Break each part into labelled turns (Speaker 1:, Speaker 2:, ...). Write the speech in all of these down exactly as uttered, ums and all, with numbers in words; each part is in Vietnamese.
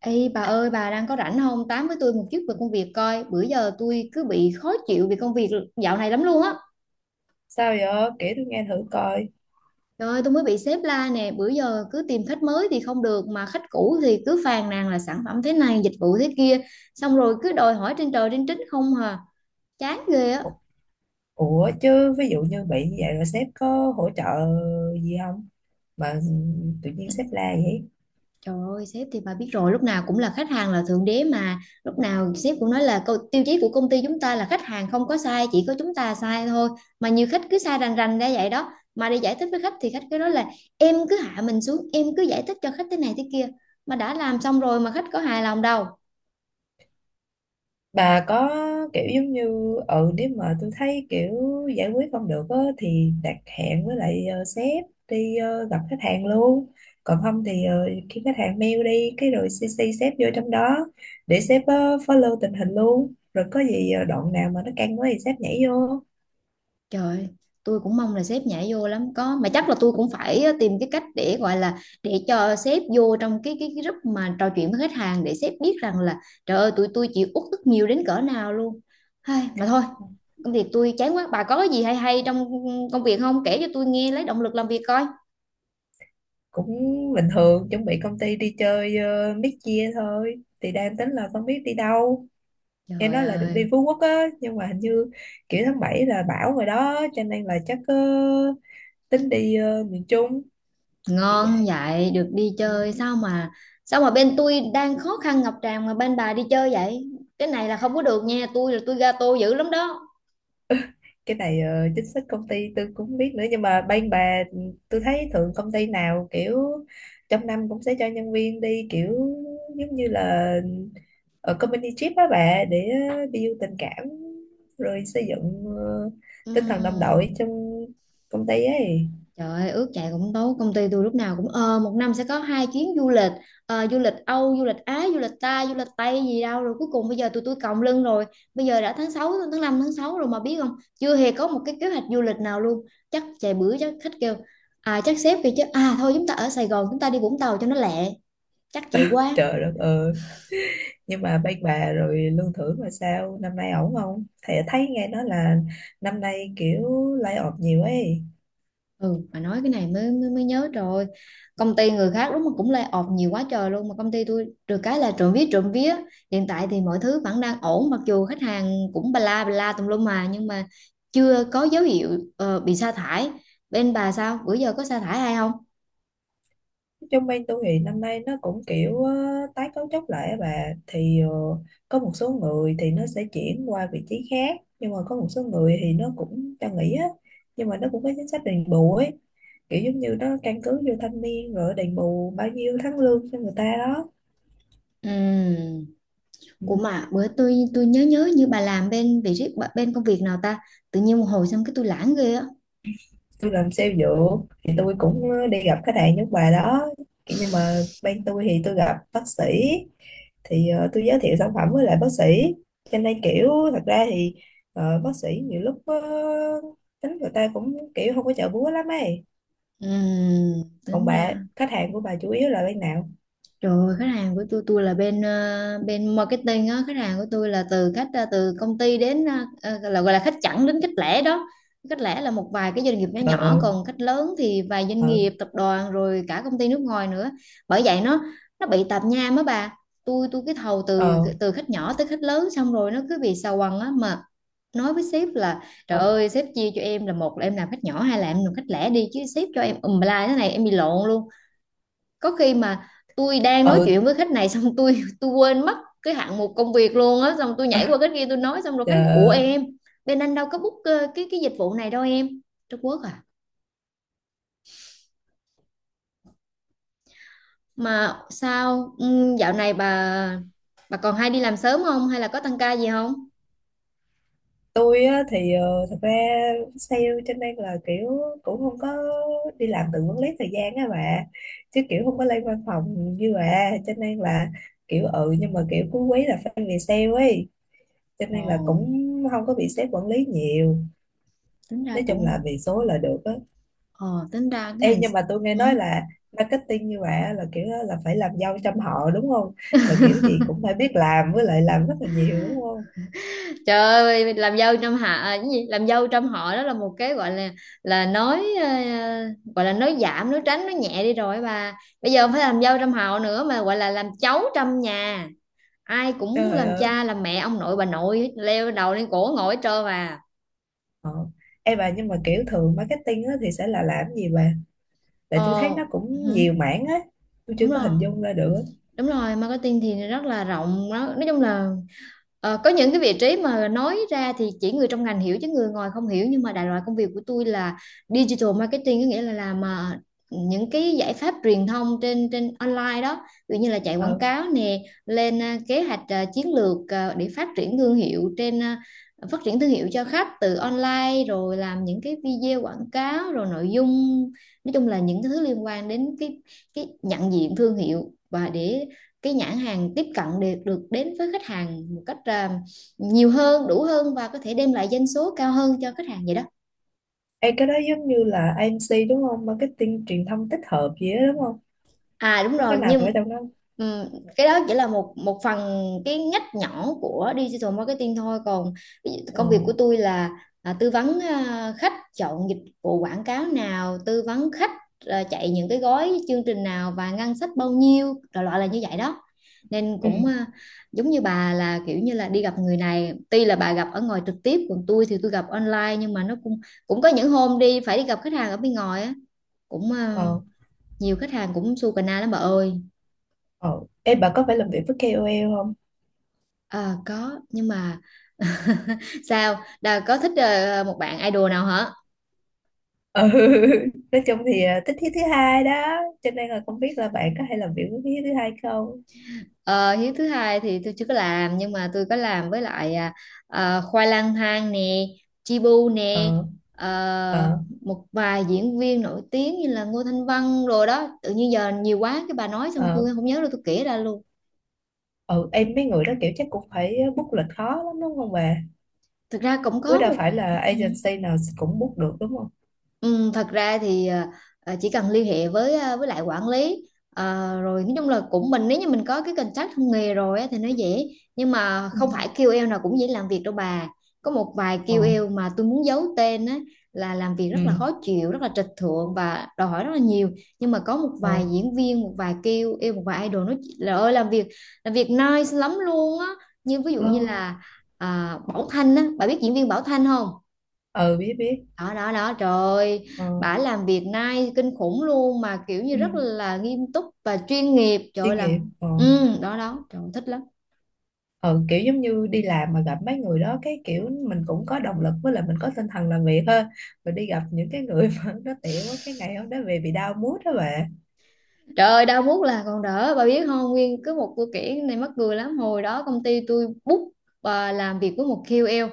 Speaker 1: Ê bà ơi bà đang có rảnh không tám với tôi một chút về công việc coi? Bữa giờ tôi cứ bị khó chịu vì công việc dạo này lắm luôn á.
Speaker 2: Sao vậy? Kể tôi nghe thử coi.
Speaker 1: Trời ơi, tôi mới bị sếp la nè, bữa giờ cứ tìm khách mới thì không được mà khách cũ thì cứ phàn nàn là sản phẩm thế này dịch vụ thế kia, xong rồi cứ đòi hỏi trên trời trên trích không hà. Chán ghê á.
Speaker 2: Ủa ủa chứ ví dụ như bị như vậy rồi sếp có hỗ trợ gì không? Mà tự nhiên sếp la vậy.
Speaker 1: Trời ơi, sếp thì bà biết rồi, lúc nào cũng là khách hàng là thượng đế mà. Lúc nào sếp cũng nói là câu tiêu chí của công ty chúng ta là khách hàng không có sai, chỉ có chúng ta sai thôi. Mà nhiều khách cứ sai rành rành ra vậy đó. Mà đi giải thích với khách thì khách cứ nói là em cứ hạ mình xuống, em cứ giải thích cho khách thế này thế kia. Mà đã làm xong rồi mà khách có hài lòng đâu.
Speaker 2: Bà có kiểu giống như, ừ nếu mà tôi thấy kiểu giải quyết không được á, thì đặt hẹn với lại ờ, sếp đi ờ, gặp khách hàng luôn. Còn không thì ờ, khi khách hàng mail đi cái rồi xê xê sếp vô trong đó để sếp ờ, follow tình hình luôn. Rồi có gì ờ, đoạn nào mà nó căng quá thì sếp nhảy vô.
Speaker 1: Trời ơi, tôi cũng mong là sếp nhảy vô lắm có mà chắc là tôi cũng phải ờ, tìm cái cách để gọi là để cho sếp vô trong cái cái, cái group mà trò chuyện với khách hàng để sếp biết rằng là trời ơi tụi tôi chịu uất ức nhiều đến cỡ nào luôn. Hay mà thôi, công việc tôi chán quá. Bà có cái gì hay hay trong công việc không? Kể cho tôi nghe lấy động lực làm việc coi.
Speaker 2: Cũng bình thường, chuẩn bị công ty đi chơi uh, mid-year thôi, thì đang tính là không biết đi đâu. Nghe
Speaker 1: Trời
Speaker 2: nói là được đi
Speaker 1: ơi,
Speaker 2: Phú Quốc á, nhưng mà hình như kiểu tháng bảy là bão rồi đó, cho nên là chắc ờ, tính đi ờ, miền Trung kiểu
Speaker 1: ngon
Speaker 2: vậy.
Speaker 1: vậy được đi
Speaker 2: Ừ.
Speaker 1: chơi sao mà? Sao mà bên tôi đang khó khăn ngập tràn mà bên bà đi chơi vậy? Cái này là không có được nha, tôi là tôi gato dữ lắm đó.
Speaker 2: Cái này ờ, chính sách công ty tôi cũng không biết nữa, nhưng mà bên bà tôi thấy thường công ty nào kiểu trong năm cũng sẽ cho nhân viên đi, kiểu giống như là ở company trip á bà, để build tình cảm rồi xây dựng ờ, tinh thần đồng
Speaker 1: Ừm.
Speaker 2: đội trong công ty ấy.
Speaker 1: Trời ơi, ước chạy cũng tốt, công ty tôi lúc nào cũng ờ một năm sẽ có hai chuyến du lịch, ờ, du lịch Âu, du lịch Á, du lịch ta, du lịch Tây gì đâu rồi cuối cùng bây giờ tụi tôi còng lưng rồi. Bây giờ đã tháng sáu, tháng năm tháng sáu rồi mà biết không? Chưa hề có một cái kế hoạch du lịch nào luôn. Chắc chạy bữa, chắc khách kêu, à chắc sếp kêu chứ, à thôi chúng ta ở Sài Gòn chúng ta đi Vũng Tàu cho nó lẹ. Chắc chạy quá.
Speaker 2: Trời đất ơi, nhưng mà bên bà rồi lương thưởng mà sao, năm nay ổn không? Thì thấy nghe nói là năm nay kiểu lay off nhiều ấy.
Speaker 1: Ừ, mà nói cái này mới, mới mới nhớ rồi, công ty người khác đúng mà cũng lay off nhiều quá trời luôn mà công ty tôi được cái là trộm vía trộm vía, hiện tại thì mọi thứ vẫn đang ổn mặc dù khách hàng cũng ba la bla bla tùm lum mà, nhưng mà chưa có dấu hiệu ờ, bị sa thải. Bên bà sao bữa giờ có sa thải hay không?
Speaker 2: Trong bên tôi thì năm nay nó cũng kiểu ờ, tái cấu trúc lại á bà, thì ờ, có một số người thì nó sẽ chuyển qua vị trí khác, nhưng mà có một số người thì nó cũng cho nghỉ á, nhưng mà nó cũng có chính sách đền bù ấy, kiểu giống như nó căn cứ vô thâm niên rồi đền bù bao nhiêu tháng lương cho người ta đó.
Speaker 1: Ừm.
Speaker 2: Ừ.
Speaker 1: Ủa mà bữa tôi tôi nhớ nhớ như bà làm bên vị trí bên công việc nào ta, tự nhiên một hồi xong cái tôi lãng ghê á.
Speaker 2: Tôi làm sale dược thì tôi cũng ờ, đi gặp khách hàng nước ngoài đó. Kiểu nhưng mà bên tôi thì tôi gặp bác sĩ, thì ờ, tôi giới thiệu sản phẩm với lại bác sĩ, cho nên kiểu thật ra thì ờ, bác sĩ nhiều lúc ờ, tính người ta cũng kiểu không có chợ búa lắm ấy.
Speaker 1: Ừm,
Speaker 2: Còn
Speaker 1: tính
Speaker 2: bà
Speaker 1: ra.
Speaker 2: khách hàng của bà chủ yếu là bên nào?
Speaker 1: Trời ơi, khách hàng của tôi tôi là bên ờ, bên marketing á, khách hàng của tôi là từ khách ờ, từ công ty đến ờ, ờ, là gọi là khách chẵn đến khách lẻ đó. Khách lẻ là một vài cái doanh nghiệp nhỏ nhỏ,
Speaker 2: Ờ.
Speaker 1: còn khách lớn thì vài doanh
Speaker 2: Ờ.
Speaker 1: nghiệp, tập đoàn rồi cả công ty nước ngoài nữa. Bởi vậy nó nó bị tạp nham á bà. Tôi tôi cái thầu từ
Speaker 2: Ờ.
Speaker 1: từ khách nhỏ tới khách lớn xong rồi nó cứ bị xào quằn á, mà nói với sếp là trời
Speaker 2: Ờ.
Speaker 1: ơi sếp chia cho em, là một là em làm khách nhỏ hai là em làm khách lẻ đi, chứ sếp cho em ùm la thế này em bị lộn luôn. Có khi mà tôi đang nói
Speaker 2: Ờ.
Speaker 1: chuyện với khách này xong tôi tôi quên mất cái hạng mục công việc luôn á, xong tôi
Speaker 2: Ờ.
Speaker 1: nhảy qua cái kia tôi nói xong rồi khách ủa
Speaker 2: Ờ.
Speaker 1: em, bên anh đâu có book ờ, cái cái dịch vụ này đâu em. Trung Quốc à. Mà sao ừ, dạo này bà bà còn hay đi làm sớm không hay là có tăng ca gì không?
Speaker 2: Tôi á, thì ờ, thật ra sale cho nên là kiểu cũng không có đi làm, tự quản lý thời gian á bà, chứ kiểu không có lên văn phòng như bà, cho nên là kiểu, ừ nhưng mà kiểu cuối quý là phải về sale ấy, cho nên là
Speaker 1: Ồ,
Speaker 2: cũng không có bị sếp quản lý nhiều.
Speaker 1: tính ra
Speaker 2: Nói chung
Speaker 1: cũng.
Speaker 2: là về số là được á.
Speaker 1: Ồ, tính ra cái
Speaker 2: Ê,
Speaker 1: ngành.
Speaker 2: nhưng mà tôi nghe
Speaker 1: Ừ.
Speaker 2: nói là marketing như bà á, là kiểu á, là phải làm dâu trăm họ đúng không? Là kiểu gì cũng phải biết làm với lại làm rất là nhiều đúng không?
Speaker 1: Trời ơi, làm dâu trong hạ à, cái gì? Làm dâu trong họ đó là một cái gọi là là nói ờ, gọi là nói giảm, nói tránh, nói nhẹ đi rồi bà. Bây giờ không phải làm dâu trong họ nữa mà gọi là làm cháu trong nhà. Ai cũng
Speaker 2: Trời
Speaker 1: làm cha,
Speaker 2: ơi.
Speaker 1: làm mẹ, ông nội, bà nội leo đầu lên cổ ngồi hết trơn mà.
Speaker 2: Ờ. Ê bà, nhưng mà kiểu thường marketing á, thì sẽ là làm gì bà? Tại tôi thấy
Speaker 1: Ờ,
Speaker 2: nó cũng
Speaker 1: hử,
Speaker 2: nhiều mảng á, tôi chưa
Speaker 1: đúng
Speaker 2: có hình
Speaker 1: rồi.
Speaker 2: dung ra được á.
Speaker 1: Đúng rồi, marketing thì rất là rộng đó. Nói chung là ờ, có những cái vị trí mà nói ra thì chỉ người trong ngành hiểu chứ người ngoài không hiểu, nhưng mà đại loại công việc của tôi là digital marketing, có nghĩa là làm à, những cái giải pháp truyền thông trên trên online đó, ví dụ như là chạy quảng
Speaker 2: Ờ.
Speaker 1: cáo nè, lên à, kế hoạch, à, chiến lược à, để phát triển thương hiệu trên à, phát triển thương hiệu cho khách từ online, rồi làm những cái video quảng cáo rồi nội dung, nói chung là những cái thứ liên quan đến cái cái nhận diện thương hiệu và để cái nhãn hàng tiếp cận được được đến với khách hàng một cách à, nhiều hơn, đủ hơn, và có thể đem lại doanh số cao hơn cho khách hàng vậy đó.
Speaker 2: Ê cái đó giống như là a em xê đúng không? Marketing truyền thông tích hợp gì đó đúng không?
Speaker 1: À đúng
Speaker 2: Nó có
Speaker 1: rồi,
Speaker 2: nằm ở
Speaker 1: nhưng
Speaker 2: trong đó không?
Speaker 1: ừm, cái đó chỉ là một một phần, cái ngách nhỏ của digital marketing thôi, còn ví dụ
Speaker 2: Ờ.
Speaker 1: công việc của tôi là à, tư vấn à, khách chọn dịch vụ quảng cáo nào, tư vấn khách à, chạy những cái gói chương trình nào và ngân sách bao nhiêu, đại loại là như vậy đó. Nên
Speaker 2: Ừ.
Speaker 1: cũng à, giống như bà là kiểu như là đi gặp người này, tuy là bà gặp ở ngoài trực tiếp còn tôi thì tôi gặp online, nhưng mà nó cũng cũng có những hôm đi phải đi gặp khách hàng ở bên ngoài á, cũng à,
Speaker 2: Ờ.
Speaker 1: nhiều khách hàng cũng su cà na lắm bà ơi.
Speaker 2: Ờ. Ê bà có phải làm việc với ca ô lờ không?
Speaker 1: À, có nhưng mà sao Đà có thích ờ, một bạn idol nào hả?
Speaker 2: Ừ. Nói chung thì à, thích thiết thứ hai đó, cho nên là không biết là bạn có hay làm việc với thiết thứ hai không?
Speaker 1: Ờ, hiếu thứ hai thì tôi chưa có làm, nhưng mà tôi có làm với lại à, à, Khoai Lang Thang nè, Chibu nè,
Speaker 2: Ờ.
Speaker 1: ờ,
Speaker 2: Ờ.
Speaker 1: một vài diễn viên nổi tiếng như là Ngô Thanh Vân rồi đó, tự nhiên giờ nhiều quá cái bà nói xong
Speaker 2: Ờ.
Speaker 1: tôi không nhớ đâu tôi kể ra luôn.
Speaker 2: Ờ. Em, mấy người đó kiểu chắc cũng phải book lịch khó lắm đúng không bà?
Speaker 1: Thực ra cũng
Speaker 2: Với
Speaker 1: có
Speaker 2: đâu
Speaker 1: một,
Speaker 2: phải là
Speaker 1: ừ.
Speaker 2: agency nào cũng book được đúng không?
Speaker 1: Ừ, thật ra thì à, à, chỉ cần liên hệ với à, với lại quản lý, à, rồi nói chung là cũng mình, nếu như mình có cái contact trong nghề rồi á, thì nó dễ, nhưng mà
Speaker 2: Ừ.
Speaker 1: không phải kiu eo nào cũng dễ làm việc đâu bà. Có một vài
Speaker 2: Ờ.
Speaker 1: kiu eo mà tôi muốn giấu tên á, là làm việc rất là
Speaker 2: Ừ.
Speaker 1: khó chịu, rất là trịch thượng và đòi hỏi rất là nhiều. Nhưng mà có một
Speaker 2: Ờ.
Speaker 1: vài diễn viên, một vài kiu eo, một vài idol nó là ơi làm việc, làm việc nice lắm luôn á, như ví dụ
Speaker 2: Ờ.
Speaker 1: như là à, Bảo Thanh á, bà biết diễn viên Bảo Thanh không?
Speaker 2: Ờ, biết biết.
Speaker 1: Đó đó đó, trời ơi,
Speaker 2: Ờ.
Speaker 1: bả làm việc nay kinh khủng luôn, mà kiểu như
Speaker 2: Ừ.
Speaker 1: rất là nghiêm túc và chuyên nghiệp, trời ơi,
Speaker 2: Chuyên nghiệp.
Speaker 1: làm.
Speaker 2: Ờ.
Speaker 1: Ừ, đó đó, trời ơi, thích lắm.
Speaker 2: Ờ. Kiểu giống như đi làm mà gặp mấy người đó cái kiểu mình cũng có động lực, với lại mình có tinh thần làm việc hơn. Rồi đi gặp những cái người mà nó tiểu quá, cái ngày hôm đó về bị đau mood đó bà.
Speaker 1: Trời ơi, đau muốt là còn đỡ, bà biết không? Nguyên cứ một câu kể này mắc cười lắm, hồi đó công ty tôi book và làm việc với một kiu eo,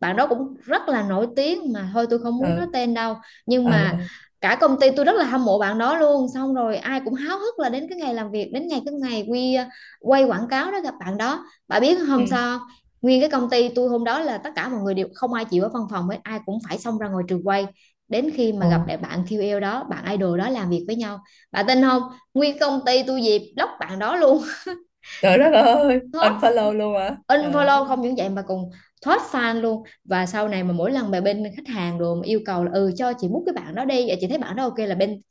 Speaker 1: bạn đó cũng rất là nổi tiếng mà thôi tôi không muốn
Speaker 2: Ờ.
Speaker 1: nói tên đâu, nhưng
Speaker 2: Ờ.
Speaker 1: mà
Speaker 2: Ờ.
Speaker 1: cả công ty tôi rất là hâm mộ bạn đó luôn, xong rồi ai cũng háo hức là đến cái ngày làm việc, đến ngày cái ngày quy ờ, quay quảng cáo đó gặp bạn đó, bà biết không
Speaker 2: Ừ.
Speaker 1: sao không? Nguyên cái công ty tôi hôm đó là tất cả mọi người đều không ai chịu ở văn phòng hết, ai cũng phải xông ra ngoài trường quay, đến khi mà
Speaker 2: Ờ.
Speaker 1: gặp lại bạn kiu eo đó, bạn idol đó làm việc với nhau, bà tin không, nguyên công ty tôi dịp block bạn đó luôn.
Speaker 2: Trời đất ơi,
Speaker 1: Thoát
Speaker 2: unfollow luôn hả? Trời đất.
Speaker 1: unfollow, không những vậy mà còn thoát fan luôn, và sau này mà mỗi lần mà bên khách hàng rồi mà yêu cầu là ừ cho chị mút cái bạn đó đi vậy chị thấy bạn đó ok là bên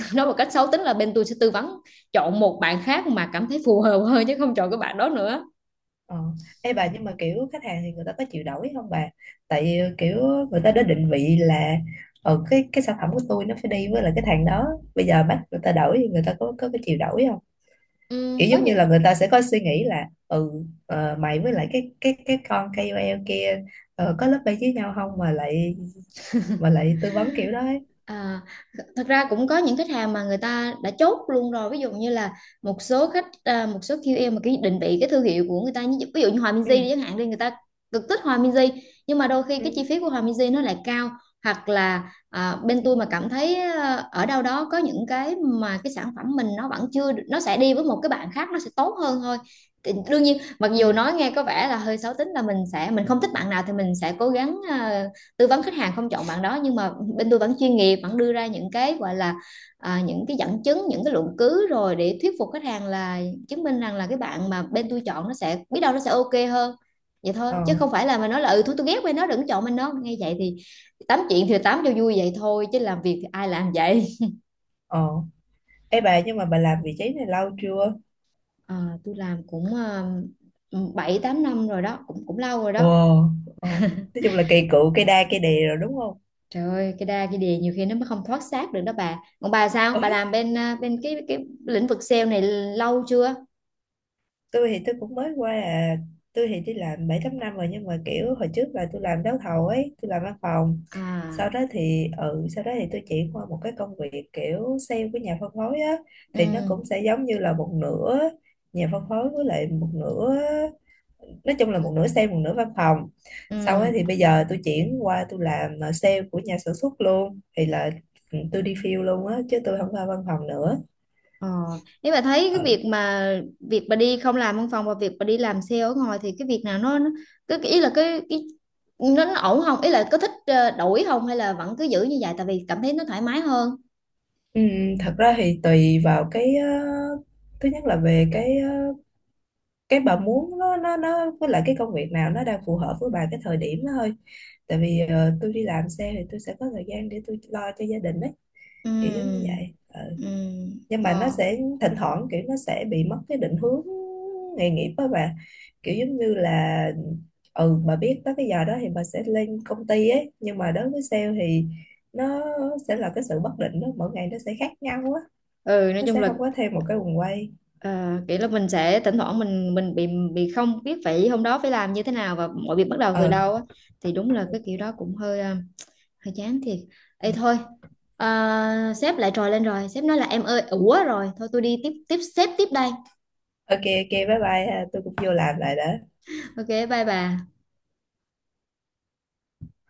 Speaker 1: nói một cách xấu tính là bên tôi sẽ tư vấn chọn một bạn khác mà cảm thấy phù hợp hơn, chứ không chọn cái bạn đó nữa.
Speaker 2: Ờ. Ê bà, nhưng mà kiểu khách hàng thì người ta có chịu đổi không bà? Tại vì kiểu người ta đã định vị là ờ cái cái sản phẩm của tôi nó phải đi với là cái thằng đó. Bây giờ bắt người ta đổi thì người ta có có cái chịu đổi không? Kiểu
Speaker 1: Ừm, có
Speaker 2: giống như
Speaker 1: những.
Speaker 2: là người ta sẽ có suy nghĩ là ừ ờ, mày với lại cái cái cái con ca ô lờ kia ờ, có lớp bay với nhau không, mà lại mà lại tư vấn kiểu đó ấy.
Speaker 1: À, thật ra cũng có những khách hàng mà người ta đã chốt luôn rồi, ví dụ như là một số khách, à, một số quy lờ mà cái định vị cái thương hiệu của người ta như- ví dụ như Hòa
Speaker 2: Ừ.
Speaker 1: Minzy đi chẳng hạn đi, người ta cực thích Hòa Minzy, nhưng mà đôi khi cái
Speaker 2: Ừ.
Speaker 1: chi phí của Hòa Minzy nó lại cao, hoặc là à, bên
Speaker 2: Ừ.
Speaker 1: tôi mà cảm thấy à, ở đâu đó có những cái mà cái sản phẩm mình nó vẫn chưa được- nó sẽ đi với một cái bạn khác nó sẽ tốt hơn thôi. Thì đương nhiên mặc dù
Speaker 2: Ừ.
Speaker 1: nói nghe có vẻ là hơi xấu tính là mình sẽ mình không thích bạn nào thì mình sẽ cố gắng à, tư vấn khách hàng không chọn bạn đó, nhưng mà bên tôi vẫn chuyên nghiệp, vẫn đưa ra những cái gọi là à, những cái dẫn chứng, những cái luận cứ rồi để thuyết phục khách hàng là, chứng minh rằng là cái bạn mà bên tôi chọn nó sẽ biết đâu nó sẽ ok hơn, vậy thôi,
Speaker 2: Ờ.
Speaker 1: chứ không phải là mà nói là ừ thôi tôi ghét bên nó đừng chọn bên nó nghe vậy thì. Tám chuyện thì tám cho vui vậy thôi, chứ làm việc thì ai làm vậy.
Speaker 2: Ờ. Ê bà, nhưng mà bà làm vị trí này lâu chưa?
Speaker 1: À, tôi làm cũng uh, bảy tám năm rồi đó, cũng cũng lâu rồi
Speaker 2: Ồ.
Speaker 1: đó.
Speaker 2: Ờ. Nói chung là cây cựu, cây đa cây đề rồi đúng không?
Speaker 1: Trời ơi, cái đa cái đề nhiều khi nó mới không thoát xác được đó bà. Còn bà sao? Bà
Speaker 2: Ôi,
Speaker 1: làm bên à, bên cái cái lĩnh vực sale này lâu chưa?
Speaker 2: tôi thì tôi cũng mới qua à, tôi thì đi làm bảy tám năm rồi, nhưng mà kiểu hồi trước là tôi làm đấu thầu ấy, tôi làm văn phòng.
Speaker 1: À,
Speaker 2: Sau đó thì ừ, sau đó thì tôi chuyển qua một cái công việc kiểu sale với nhà phân phối á,
Speaker 1: ừ,
Speaker 2: thì nó cũng sẽ giống như là một nửa nhà phân phối với lại một nửa, nói chung là một nửa sale một nửa văn phòng. Sau ấy
Speaker 1: ừ.
Speaker 2: thì bây giờ tôi chuyển qua tôi làm à, sale của nhà sản xuất luôn, thì là ừ, tôi đi field luôn á chứ tôi không qua văn phòng nữa.
Speaker 1: Ờ, nếu bà thấy cái
Speaker 2: Ừ.
Speaker 1: việc mà việc bà đi không làm văn phòng và việc bà đi làm sale ở ngoài thì cái việc nào nó, nó cái, cái ý là cái cái nó, nó ổn không? Ý là có thích ờ, đổi không hay là vẫn cứ giữ như vậy tại vì cảm thấy nó thoải mái hơn.
Speaker 2: Ừ, thật ra thì tùy vào cái ờ, thứ nhất là về cái ờ, cái bà muốn nó nó nó với lại cái công việc nào nó đang phù hợp với bà cái thời điểm đó thôi. Tại vì ờ, tôi đi làm xe thì tôi sẽ có thời gian để tôi lo cho gia đình ấy, kiểu giống như
Speaker 1: Ừ.
Speaker 2: vậy. Ờ.
Speaker 1: Ừ.
Speaker 2: Nhưng mà nó
Speaker 1: Ờ.
Speaker 2: sẽ thỉnh thoảng kiểu nó sẽ bị mất cái định hướng nghề nghiệp đó bà, kiểu giống như là ừ bà biết tới cái giờ đó thì bà sẽ lên công ty ấy, nhưng mà đối với sale thì nó sẽ là cái sự bất định đó, mỗi ngày nó sẽ khác nhau á.
Speaker 1: Ừ, nói
Speaker 2: Nó
Speaker 1: chung
Speaker 2: sẽ
Speaker 1: là.
Speaker 2: không có thêm một cái guồng quay.
Speaker 1: Ờ, kiểu là mình sẽ thỉnh thoảng mình mình bị bị không biết phải hôm đó phải làm như thế nào và mọi việc bắt đầu
Speaker 2: Ờ.
Speaker 1: từ đâu á, thì đúng là
Speaker 2: Ờ.
Speaker 1: cái kiểu đó cũng hơi ờ, hơi chán thiệt.
Speaker 2: Ờ.
Speaker 1: Ê thôi, à, sếp lại trồi lên rồi, sếp nói là em ơi, ủa rồi thôi tôi đi tiếp, tiếp sếp tiếp đây.
Speaker 2: OK OK, bye bye ha. Tôi cũng vô làm lại đã.
Speaker 1: Ok bye bà.